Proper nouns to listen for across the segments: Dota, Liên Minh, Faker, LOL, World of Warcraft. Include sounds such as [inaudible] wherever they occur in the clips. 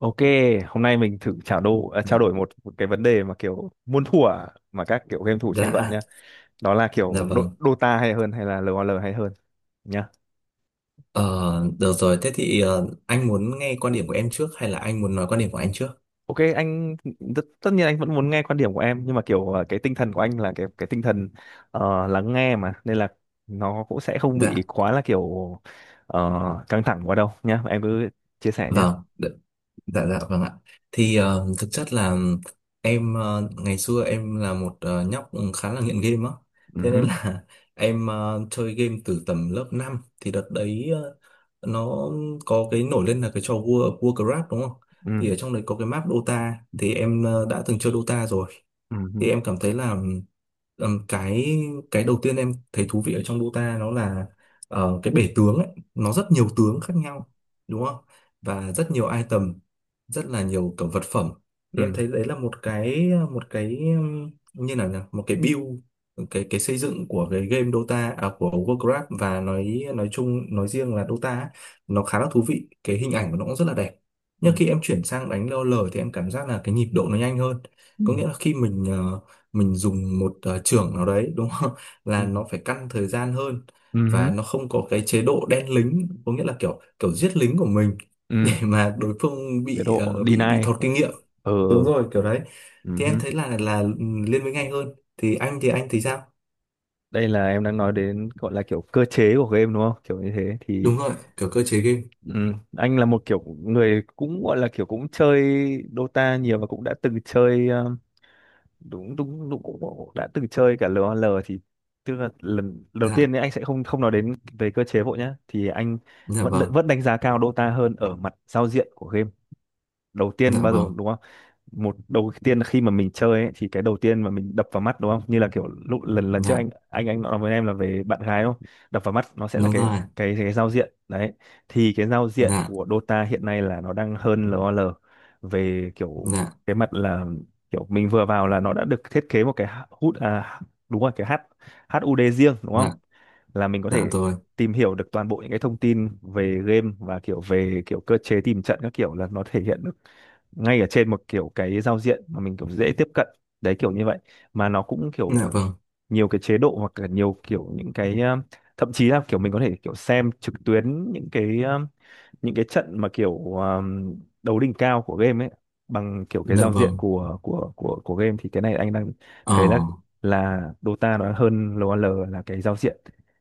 Ok, hôm nay mình thử trao Dạ, đổi một cái vấn đề mà kiểu muôn thuở mà các kiểu game thủ tranh luận dạ nhá. Đó là dạ kiểu vâng. Dota hay hơn hay là LOL hay hơn nhá. Ờ, Được rồi, thế thì anh muốn nghe quan điểm của em trước hay là anh muốn nói quan điểm của anh trước? Ok, anh tất nhiên anh vẫn muốn nghe quan điểm của em, nhưng mà kiểu cái tinh thần của anh là cái tinh thần lắng nghe, mà nên là nó cũng sẽ không bị Dạ, quá là kiểu ờ, căng thẳng quá đâu nhá. Em cứ chia sẻ nhá. vâng, đ- dạ, vâng ạ. Thì thực chất là em ngày xưa em là một nhóc khá là nghiện game á. Thế nên Ừ, là [laughs] em chơi game từ tầm lớp 5 thì đợt đấy nó có cái nổi lên là cái trò World of Warcraft đúng không? Thì ừ, ở trong đấy có cái map Dota thì em đã từng chơi Dota rồi. ừ, Thì ừ, em cảm thấy là Ừm, cái cái đầu tiên em thấy thú vị ở trong Dota nó là cái bể tướng ấy, nó rất nhiều tướng khác nhau đúng không? Và rất nhiều item, rất là nhiều kiểu vật phẩm. Thì em thấy đấy là một cái như nào nhỉ? Một cái build cái xây dựng của cái game Dota à, của Warcraft và nói chung nói riêng là Dota ấy, nó khá là thú vị, cái hình ảnh của nó cũng rất là đẹp. ừ, Nhưng khi em chuyển sang đánh LoL thì em cảm giác là cái nhịp độ nó nhanh hơn. ừ, Có nghĩa là khi mình mình dùng một chưởng nào đấy đúng không [laughs] ừ, là nó phải căn thời gian hơn và ừ, nó không có cái chế độ đen lính có nghĩa là kiểu kiểu giết lính của mình [laughs] để ừ. mà đối phương Chế bị độ bị deny. thọt kinh nghiệm. Ừ. Đúng rồi kiểu đấy, Ừ thì em hứ. thấy là liên minh anh hơn. Thì anh thì sao? Đây là em đang nói đến gọi là kiểu cơ chế của game đúng không? Kiểu như thế thì Đúng rồi, kiểu cơ chế game. ừ, anh là một kiểu người cũng gọi là kiểu cũng chơi Dota nhiều, và cũng đã từng chơi đúng đúng, đúng cũng cũng đã từng chơi cả LOL, thì tức là lần đầu tiên Dạ, ấy anh sẽ không không nói đến về cơ chế vội nhá, thì anh dạ vẫn vâng. vẫn đánh giá cao Dota hơn ở mặt giao diện của game. Đầu tiên Dạ bao giờ vâng. đúng không? Một đầu tiên khi mà mình chơi ấy, thì cái đầu tiên mà mình đập vào mắt đúng không, như là kiểu lúc lần lần trước Dạ. anh nói với em là về bạn gái đúng không, đập vào mắt nó sẽ là Đúng cái rồi. cái cái giao diện đấy. Thì cái giao diện Dạ. của Dota hiện nay là nó đang hơn LOL về kiểu Dạ. cái mặt là kiểu mình vừa vào là nó đã được thiết kế một cái hút à đúng rồi, cái H HUD riêng đúng dạ không, là mình có dạ thể rồi. tìm hiểu được toàn bộ những cái thông tin về game và kiểu về kiểu cơ chế tìm trận các kiểu, là nó thể hiện được ngay ở trên một kiểu cái giao diện mà mình kiểu dễ tiếp cận, đấy kiểu như vậy. Mà nó cũng Dạ kiểu vâng. nhiều cái chế độ, hoặc là nhiều kiểu những cái thậm chí là kiểu mình có thể kiểu xem trực tuyến những cái những cái trận mà kiểu đấu đỉnh cao của game ấy, bằng kiểu cái Dạ giao diện vâng. của game, thì cái này anh đang Ờ. thấy là Dota nó hơn LOL là cái giao diện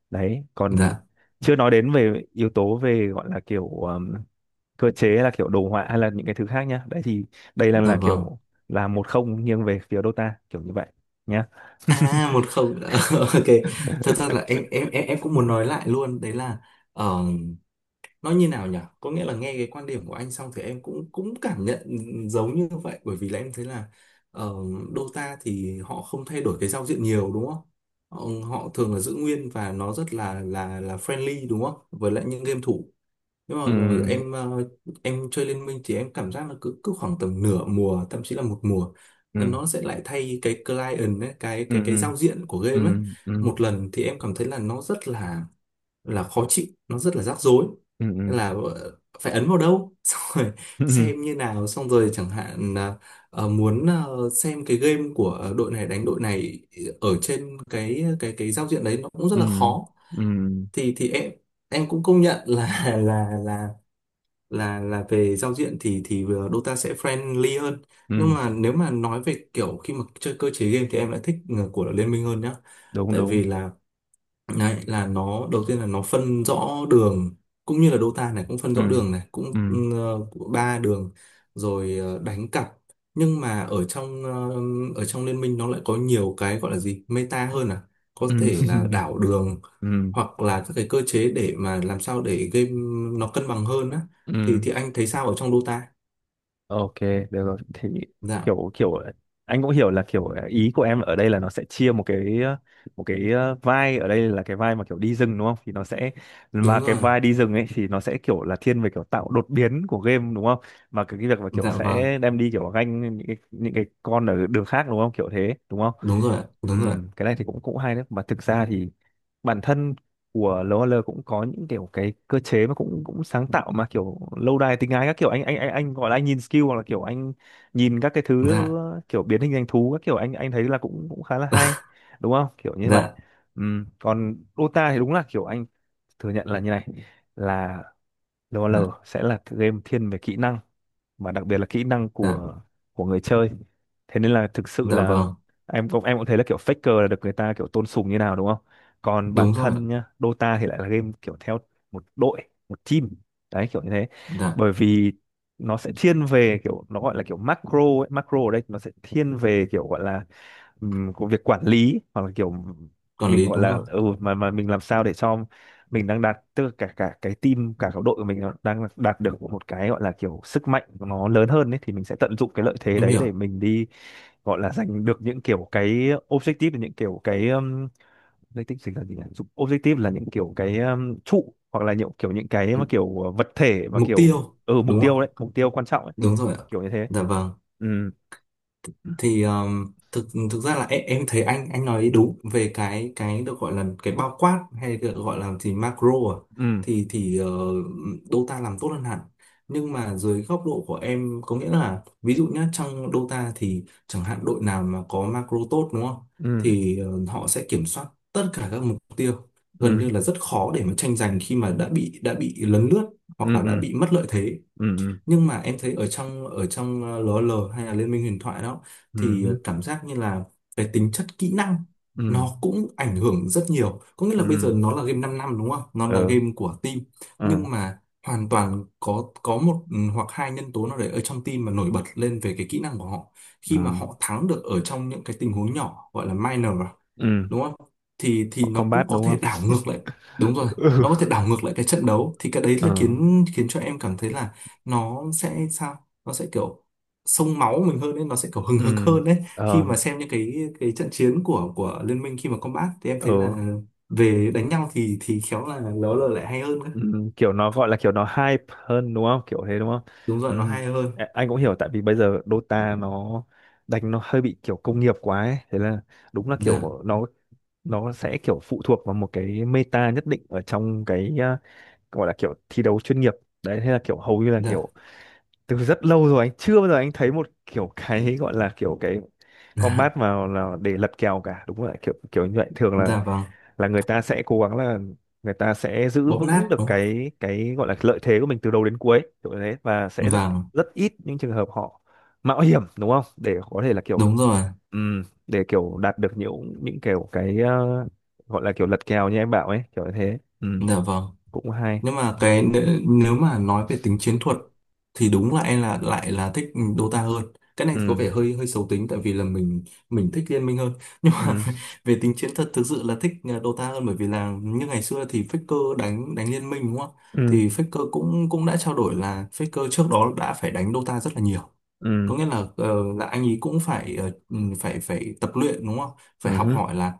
đấy, còn Dạ. chưa nói đến về yếu tố về gọi là kiểu cơ chế hay là kiểu đồ họa hay là những cái thứ khác nhá. Đấy thì đây Dạ là vâng. kiểu là 1-0, nghiêng về phía Dota kiểu như vậy nhá. À một không [laughs] ok, thật ra là em cũng muốn nói lại luôn đấy là ờ, nó như nào nhỉ, có nghĩa là nghe cái quan điểm của anh xong thì em cũng cũng cảm nhận giống như vậy bởi vì là em thấy là ờ, Dota thì họ không thay đổi cái giao diện nhiều đúng không, họ thường là giữ nguyên và nó rất là là friendly đúng không với lại những game thủ. Nhưng mà Ừ. rồi em chơi Liên Minh thì em cảm giác là cứ cứ khoảng tầm nửa mùa, thậm chí là một mùa, Ừ. nó sẽ lại thay cái client ấy, cái Ừ. cái cái Ừ. giao diện của game Ừ. ấy. Ừ. Một lần thì em cảm thấy là nó rất là khó chịu, nó rất là rắc rối. Nên Ừ. là phải ấn vào đâu, [laughs] xong rồi Ừ. Ừ. xem như nào, xong rồi chẳng hạn là muốn xem cái game của đội này đánh đội này ở trên cái giao diện đấy nó cũng rất Ừ. là khó. ừ, Thì em cũng công nhận là [laughs] là về giao diện thì Dota sẽ friendly hơn. Nhưng ừ, mà nếu mà nói về kiểu khi mà chơi cơ chế game thì em lại thích của Liên Minh hơn nhá, đúng tại đúng. vì là đấy là nó, đầu tiên là nó phân rõ đường, cũng như là Dota này cũng phân Ừ. rõ đường này, cũng Ừ. Ba đường rồi đánh cặp. Nhưng mà ở trong ở trong liên minh nó lại có nhiều cái gọi là gì meta hơn à, có Ừ. thể là [laughs] đảo đường Ừ. hoặc là các cái cơ chế để mà làm sao để game nó cân bằng hơn á. Thì Ừ. Anh thấy sao ở trong Dota? Ok, được rồi. Thì Dạ. kiểu kiểu anh cũng hiểu là kiểu ý của em ở đây là nó sẽ chia một cái một cái vai, ở đây là cái vai mà kiểu đi rừng đúng không? Thì nó sẽ mà Đúng cái rồi. vai đi rừng ấy thì nó sẽ kiểu là thiên về kiểu tạo đột biến của game đúng không? Mà cái việc mà kiểu Dạ vâng. sẽ đem đi kiểu ganh những cái con ở đường khác đúng không? Kiểu thế đúng không? Đúng rồi ạ, đúng rồi ạ. Cái này thì cũng cũng hay đấy. Mà thực ra thì bản thân của LOL cũng có những kiểu cái cơ chế mà cũng cũng sáng tạo mà kiểu lâu đài tình ái các kiểu, anh gọi là anh nhìn skill hoặc là kiểu anh nhìn các cái thứ Dạ. kiểu biến hình thành thú các kiểu, anh thấy là cũng cũng khá là hay [laughs] đúng không, kiểu như vậy. Dạ. Còn Dota thì đúng là kiểu anh thừa nhận là như này, là DOL sẽ là cái game thiên về kỹ năng mà đặc biệt là kỹ năng dạ của người chơi. Thế nên là thực sự dạ là vâng. em cũng thấy là kiểu Faker là được người ta kiểu tôn sùng như nào đúng không? Còn bản Đúng rồi ạ. thân nhá, Dota thì lại là game kiểu theo một đội, một team. Đấy kiểu như thế. Dạ. Bởi vì nó sẽ thiên về kiểu nó gọi là kiểu macro ấy, macro ở đây nó sẽ thiên về kiểu gọi là của việc quản lý hoặc là kiểu Quản mình lý gọi đúng là rồi. ừ mà mình làm sao để cho mình đang đạt, tức là cả cả cái team, cả cái đội của mình nó đang đạt được một cái gọi là kiểu sức mạnh của nó lớn hơn ấy, thì mình sẽ tận dụng cái lợi thế Em đấy để hiểu. mình đi gọi là giành được những kiểu cái objective, những kiểu cái objective chính là gì nhỉ, objective là những kiểu cái trụ hoặc là những kiểu những cái mà M- kiểu vật thể mà Mục kiểu tiêu ừ mục đúng tiêu không. đấy, mục tiêu quan trọng ấy, Đúng rồi ạ. kiểu như thế. Dạ vâng. Ừ. Thì thực thực ra là em thấy anh nói đúng về cái được gọi là cái bao quát hay được gọi là gì macro à, Ừ. thì Dota làm tốt hơn hẳn. Nhưng mà dưới góc độ của em có nghĩa là ví dụ nhá, trong Dota thì chẳng hạn đội nào mà có macro tốt đúng không Ừ. thì họ sẽ kiểm soát tất cả các mục tiêu, gần Ừ. như là rất khó để mà tranh giành khi mà đã bị lấn lướt Ừ. hoặc là Ừ. đã Ừ. bị mất lợi thế. Ừ. Ừ. Nhưng mà em thấy ở trong lờ o lờ hay là Liên minh huyền thoại đó thì Ừ. Cảm giác như là cái tính chất kỹ năng Ừ. nó cũng ảnh hưởng rất nhiều, có nghĩa là bây giờ Ừ. nó là game 5 năm đúng không, nó là Ừ. game của team. Ừ. Nhưng mà hoàn toàn có có một hoặc hai nhân tố nào đấy ở trong team mà nổi bật lên về cái kỹ năng của họ, Ừ. khi mà họ thắng được ở trong những cái tình huống nhỏ gọi là minor à, Ừ. đúng không, thì Họ nó cũng combat có đúng thể không? đảo ngược lại. Đúng rồi, Ừ. nó có thể đảo ngược lại cái trận đấu thì cái đấy Ừ. là khiến khiến cho em cảm thấy là nó sẽ sao, nó sẽ kiểu sông máu mình hơn ấy, nó sẽ kiểu hừng hực Ừ. hơn đấy, khi Ờ. mà xem những cái trận chiến của liên minh khi mà combat thì em thấy Ừ. là về đánh nhau thì khéo là nó là lại hay hơn cơ. Ừ. Kiểu nó gọi là kiểu nó hype hơn đúng không, kiểu thế đúng không? Đúng rồi, nó Ừ. hay hơn. Anh cũng hiểu, tại vì bây giờ Dota nó đánh nó hơi bị kiểu công nghiệp quá ấy. Thế là đúng là Dạ. kiểu nó sẽ kiểu phụ thuộc vào một cái meta nhất định ở trong cái gọi là kiểu thi đấu chuyên nghiệp, đấy thế là kiểu hầu như là Dạ. kiểu từ rất lâu rồi anh chưa bao giờ thấy một kiểu cái gọi là kiểu cái [laughs] Dạ. combat mà là để lật kèo cả, đúng rồi kiểu kiểu như vậy. Thường Dạ vâng. là người ta sẽ cố gắng là người ta sẽ giữ Bóp vững nát được đúng cái gọi là lợi thế của mình từ đầu đến cuối kiểu như thế, và sẽ không, rất vâng. rất ít những trường hợp họ mạo hiểm đúng không, để có thể là kiểu Đúng rồi. Để kiểu đạt được những kiểu cái gọi là kiểu lật kèo như em bảo ấy, kiểu như thế. Dạ vâng. Cũng hay. Nhưng mà nếu mà nói về tính chiến thuật thì đúng là em là lại là thích Dota hơn. Cái này có vẻ Ừm. hơi hơi xấu tính tại vì là mình thích Liên Minh hơn, nhưng mà Ừm. [laughs] về tính chiến thuật thực sự là thích Dota hơn, bởi vì là như ngày xưa thì Faker đánh đánh Liên Minh đúng không ạ? Ừm. Thì Faker cũng cũng đã trao đổi là Faker trước đó đã phải đánh Dota rất là nhiều, có Ừm. nghĩa là anh ấy cũng phải phải phải tập luyện đúng không, phải học Ừm. hỏi là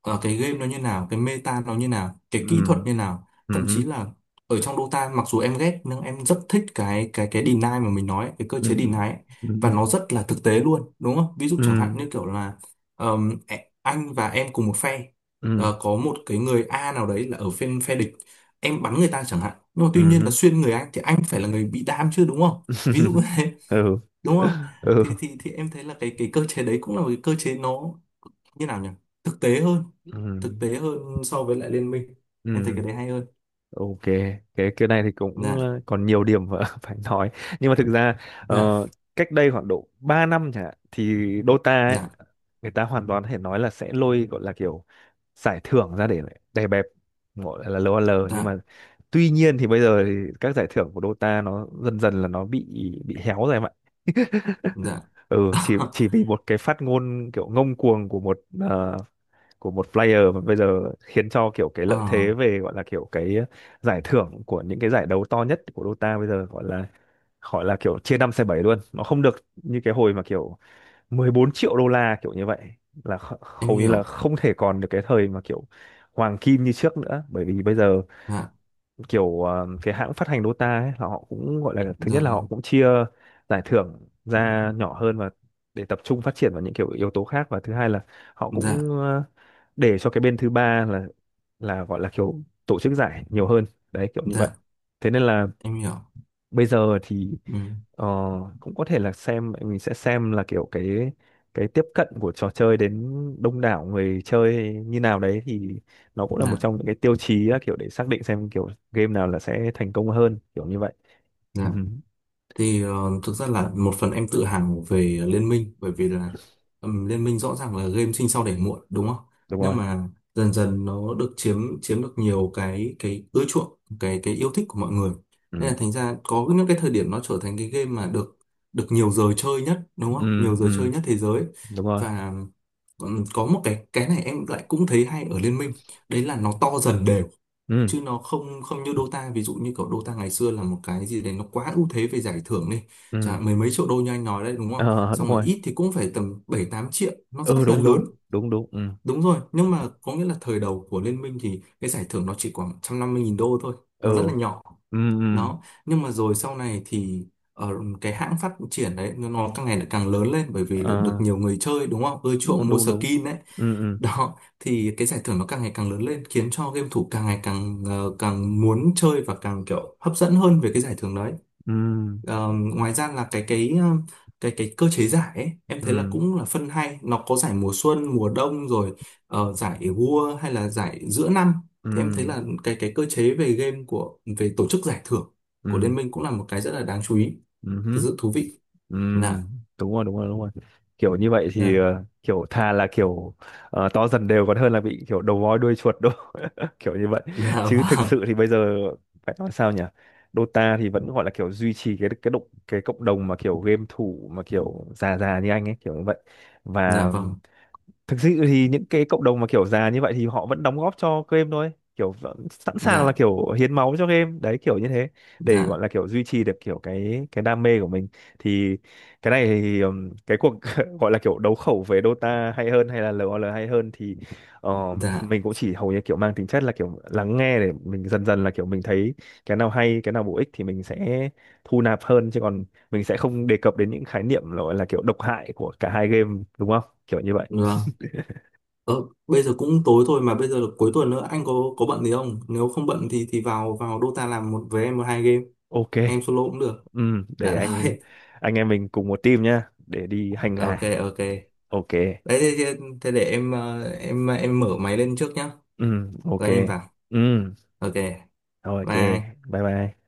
cái game nó như nào, cái meta nó như nào, cái kỹ thuật như nào, thậm Ừm. chí Ừm. là ở trong Dota mặc dù em ghét nhưng em rất thích cái deny mà mình nói ấy, cái cơ Ừ. chế deny ấy. Và nó Ừ. rất là thực tế luôn đúng không, ví dụ chẳng hạn Ừ. như kiểu là anh và em cùng một phe. Ừ. Ờ, có một cái người A nào đấy là ở phe phe địch, em bắn người ta chẳng hạn, nhưng mà tuy nhiên là Ừ. xuyên người anh thì anh phải là người bị đam chứ đúng không, ví dụ [laughs] như [laughs] thế Ừ. đúng không. Ừ. Thì em thấy là cái cơ chế đấy cũng là một cái cơ chế nó như nào nhỉ, thực tế hơn, Ừ. thực tế hơn so với lại liên minh. Ừ. Em thấy cái đấy hay hơn. Ok, cái này thì cũng Dạ. Còn nhiều điểm mà [laughs] phải nói, nhưng mà thực ra ờ, Dạ. cách đây khoảng độ 3 năm chẳng hạn, thì Dota ấy Dạ. người ta hoàn toàn có thể nói là sẽ lôi gọi là kiểu giải thưởng ra để đè bẹp gọi là LOL, nhưng mà Dạ. tuy nhiên thì bây giờ thì các giải thưởng của Dota nó dần dần là nó bị héo rồi em ạ. Dạ. Ừ, chỉ [laughs] chỉ vì một cái phát ngôn kiểu ngông cuồng của một của một player, mà bây giờ khiến cho kiểu cái Ờ, lợi thế về gọi là kiểu cái giải thưởng của những cái giải đấu to nhất của Dota bây giờ gọi là, gọi là kiểu chia năm xẻ bảy luôn, nó không được như cái hồi mà kiểu 14 triệu đô la kiểu như vậy. Là em hầu như là hiểu. không thể còn được cái thời mà kiểu hoàng kim như trước nữa, bởi vì bây giờ Dạ kiểu cái hãng phát hành Dota ấy, là họ cũng gọi là thứ nhất là rồi. họ cũng chia giải thưởng ra nhỏ hơn, và để tập trung phát triển vào những kiểu yếu tố khác, và thứ hai là họ Dạ. cũng để cho cái bên thứ ba là gọi là kiểu tổ chức giải nhiều hơn, đấy kiểu như vậy. Dạ Thế nên là em hiểu. bây giờ thì Ừ. ờ, cũng có thể là xem, mình sẽ xem là kiểu cái tiếp cận của trò chơi đến đông đảo người chơi như nào đấy, thì nó cũng là một Dạ. trong những cái tiêu chí là kiểu để xác định xem kiểu game nào là sẽ thành công hơn, kiểu như vậy. Ừ, Dạ. Thì thực ra là một phần em tự hào về Liên Minh bởi vì là Liên Minh rõ ràng là game sinh sau đẻ muộn đúng không, đúng nhưng rồi. mà dần dần nó được chiếm chiếm được nhiều cái ưa chuộng, cái yêu thích của mọi người. Nên Ừ. là thành ra có những cái thời điểm nó trở thành cái game mà được được nhiều giờ chơi nhất đúng không, Ừ. nhiều giờ chơi Ừ. nhất thế giới. Đúng rồi. Và có một cái này em lại cũng thấy hay ở Liên Minh, đấy là nó to dần đều, Ừ. chứ nó không không như Dota. Ví dụ như kiểu Dota ngày xưa là một cái gì đấy nó quá ưu thế về giải thưởng đi, chẳng Ừ. hạn mười mấy triệu đô như anh nói đấy đúng không, Ờ, đúng xong rồi rồi. ít thì cũng phải tầm 7 8 triệu, nó Ừ, rất là đúng đúng lớn. đúng đúng. Ừ. Đúng rồi, nhưng mà có nghĩa là thời đầu của Liên minh thì cái giải thưởng nó chỉ khoảng 150.000 đô thôi, Ừ. nó rất là nhỏ. Ừ. Ừ. Đó, nhưng mà rồi sau này thì ở cái hãng phát triển đấy nó càng ngày lại càng lớn lên bởi vì là được Ờ, nhiều người chơi đúng không ưa chuộng đúng mua đúng đúng. skin đấy. Ừ. Ừ. Đó thì cái giải thưởng nó càng ngày càng lớn lên, khiến cho game thủ càng ngày càng muốn chơi và càng kiểu hấp dẫn hơn về cái giải thưởng đấy. Ừ. Ờ, ngoài ra là cái ờ, cái cơ chế giải ấy, em thấy là Ừ. cũng là phân hay, nó có giải mùa xuân mùa đông rồi giải vua hay là giải giữa năm, Ừ. thì em thấy là cái cơ chế về game của về tổ chức giải thưởng của Liên minh cũng là một cái rất là đáng chú ý, Ừ. thực Ừ. sự thú vị. Ừ, Dạ. đúng rồi đúng rồi đúng rồi, kiểu như vậy thì Dạ. Kiểu thà là kiểu to dần đều còn hơn là bị kiểu đầu voi đuôi chuột đâu [laughs] kiểu như vậy. Dạ. [laughs] Chứ thực Vâng. sự thì bây giờ phải nói sao nhỉ, Dota thì vẫn gọi là kiểu duy trì cái động, cái cộng đồng mà kiểu game thủ mà kiểu già già như anh ấy, kiểu như vậy. Dạ Và vâng. thực sự thì những cái cộng đồng mà kiểu già như vậy thì họ vẫn đóng góp cho game thôi, kiểu vẫn sẵn sàng là Dạ. kiểu hiến máu cho game đấy, kiểu như thế, để gọi Dạ. là kiểu duy trì được kiểu cái đam mê của mình. Thì cái này thì cái cuộc [laughs] gọi là kiểu đấu khẩu về Dota hay hơn hay là LOL hay hơn thì Dạ mình cũng chỉ hầu như kiểu mang tính chất là kiểu lắng nghe, để mình dần dần là kiểu mình thấy cái nào hay cái nào bổ ích thì mình sẽ thu nạp hơn, chứ còn mình sẽ không đề cập đến những khái niệm gọi là kiểu độc hại của cả hai game đúng không, kiểu như vậy. vâng. Ờ, bây giờ cũng tối thôi mà bây giờ là cuối tuần nữa, anh có bận gì không? Nếu không bận thì vào vào Dota làm một với em một hai game, Ok, em solo cũng được. Để Đã anh rồi. [laughs] anh em mình cùng một team nhá, để đi hành Ok gà. ok. Ok, Đấy thế, thế để em mở máy lên trước nhá. Ok, Rồi anh em vào. ừm, Ok. ok, Bye. bye bye.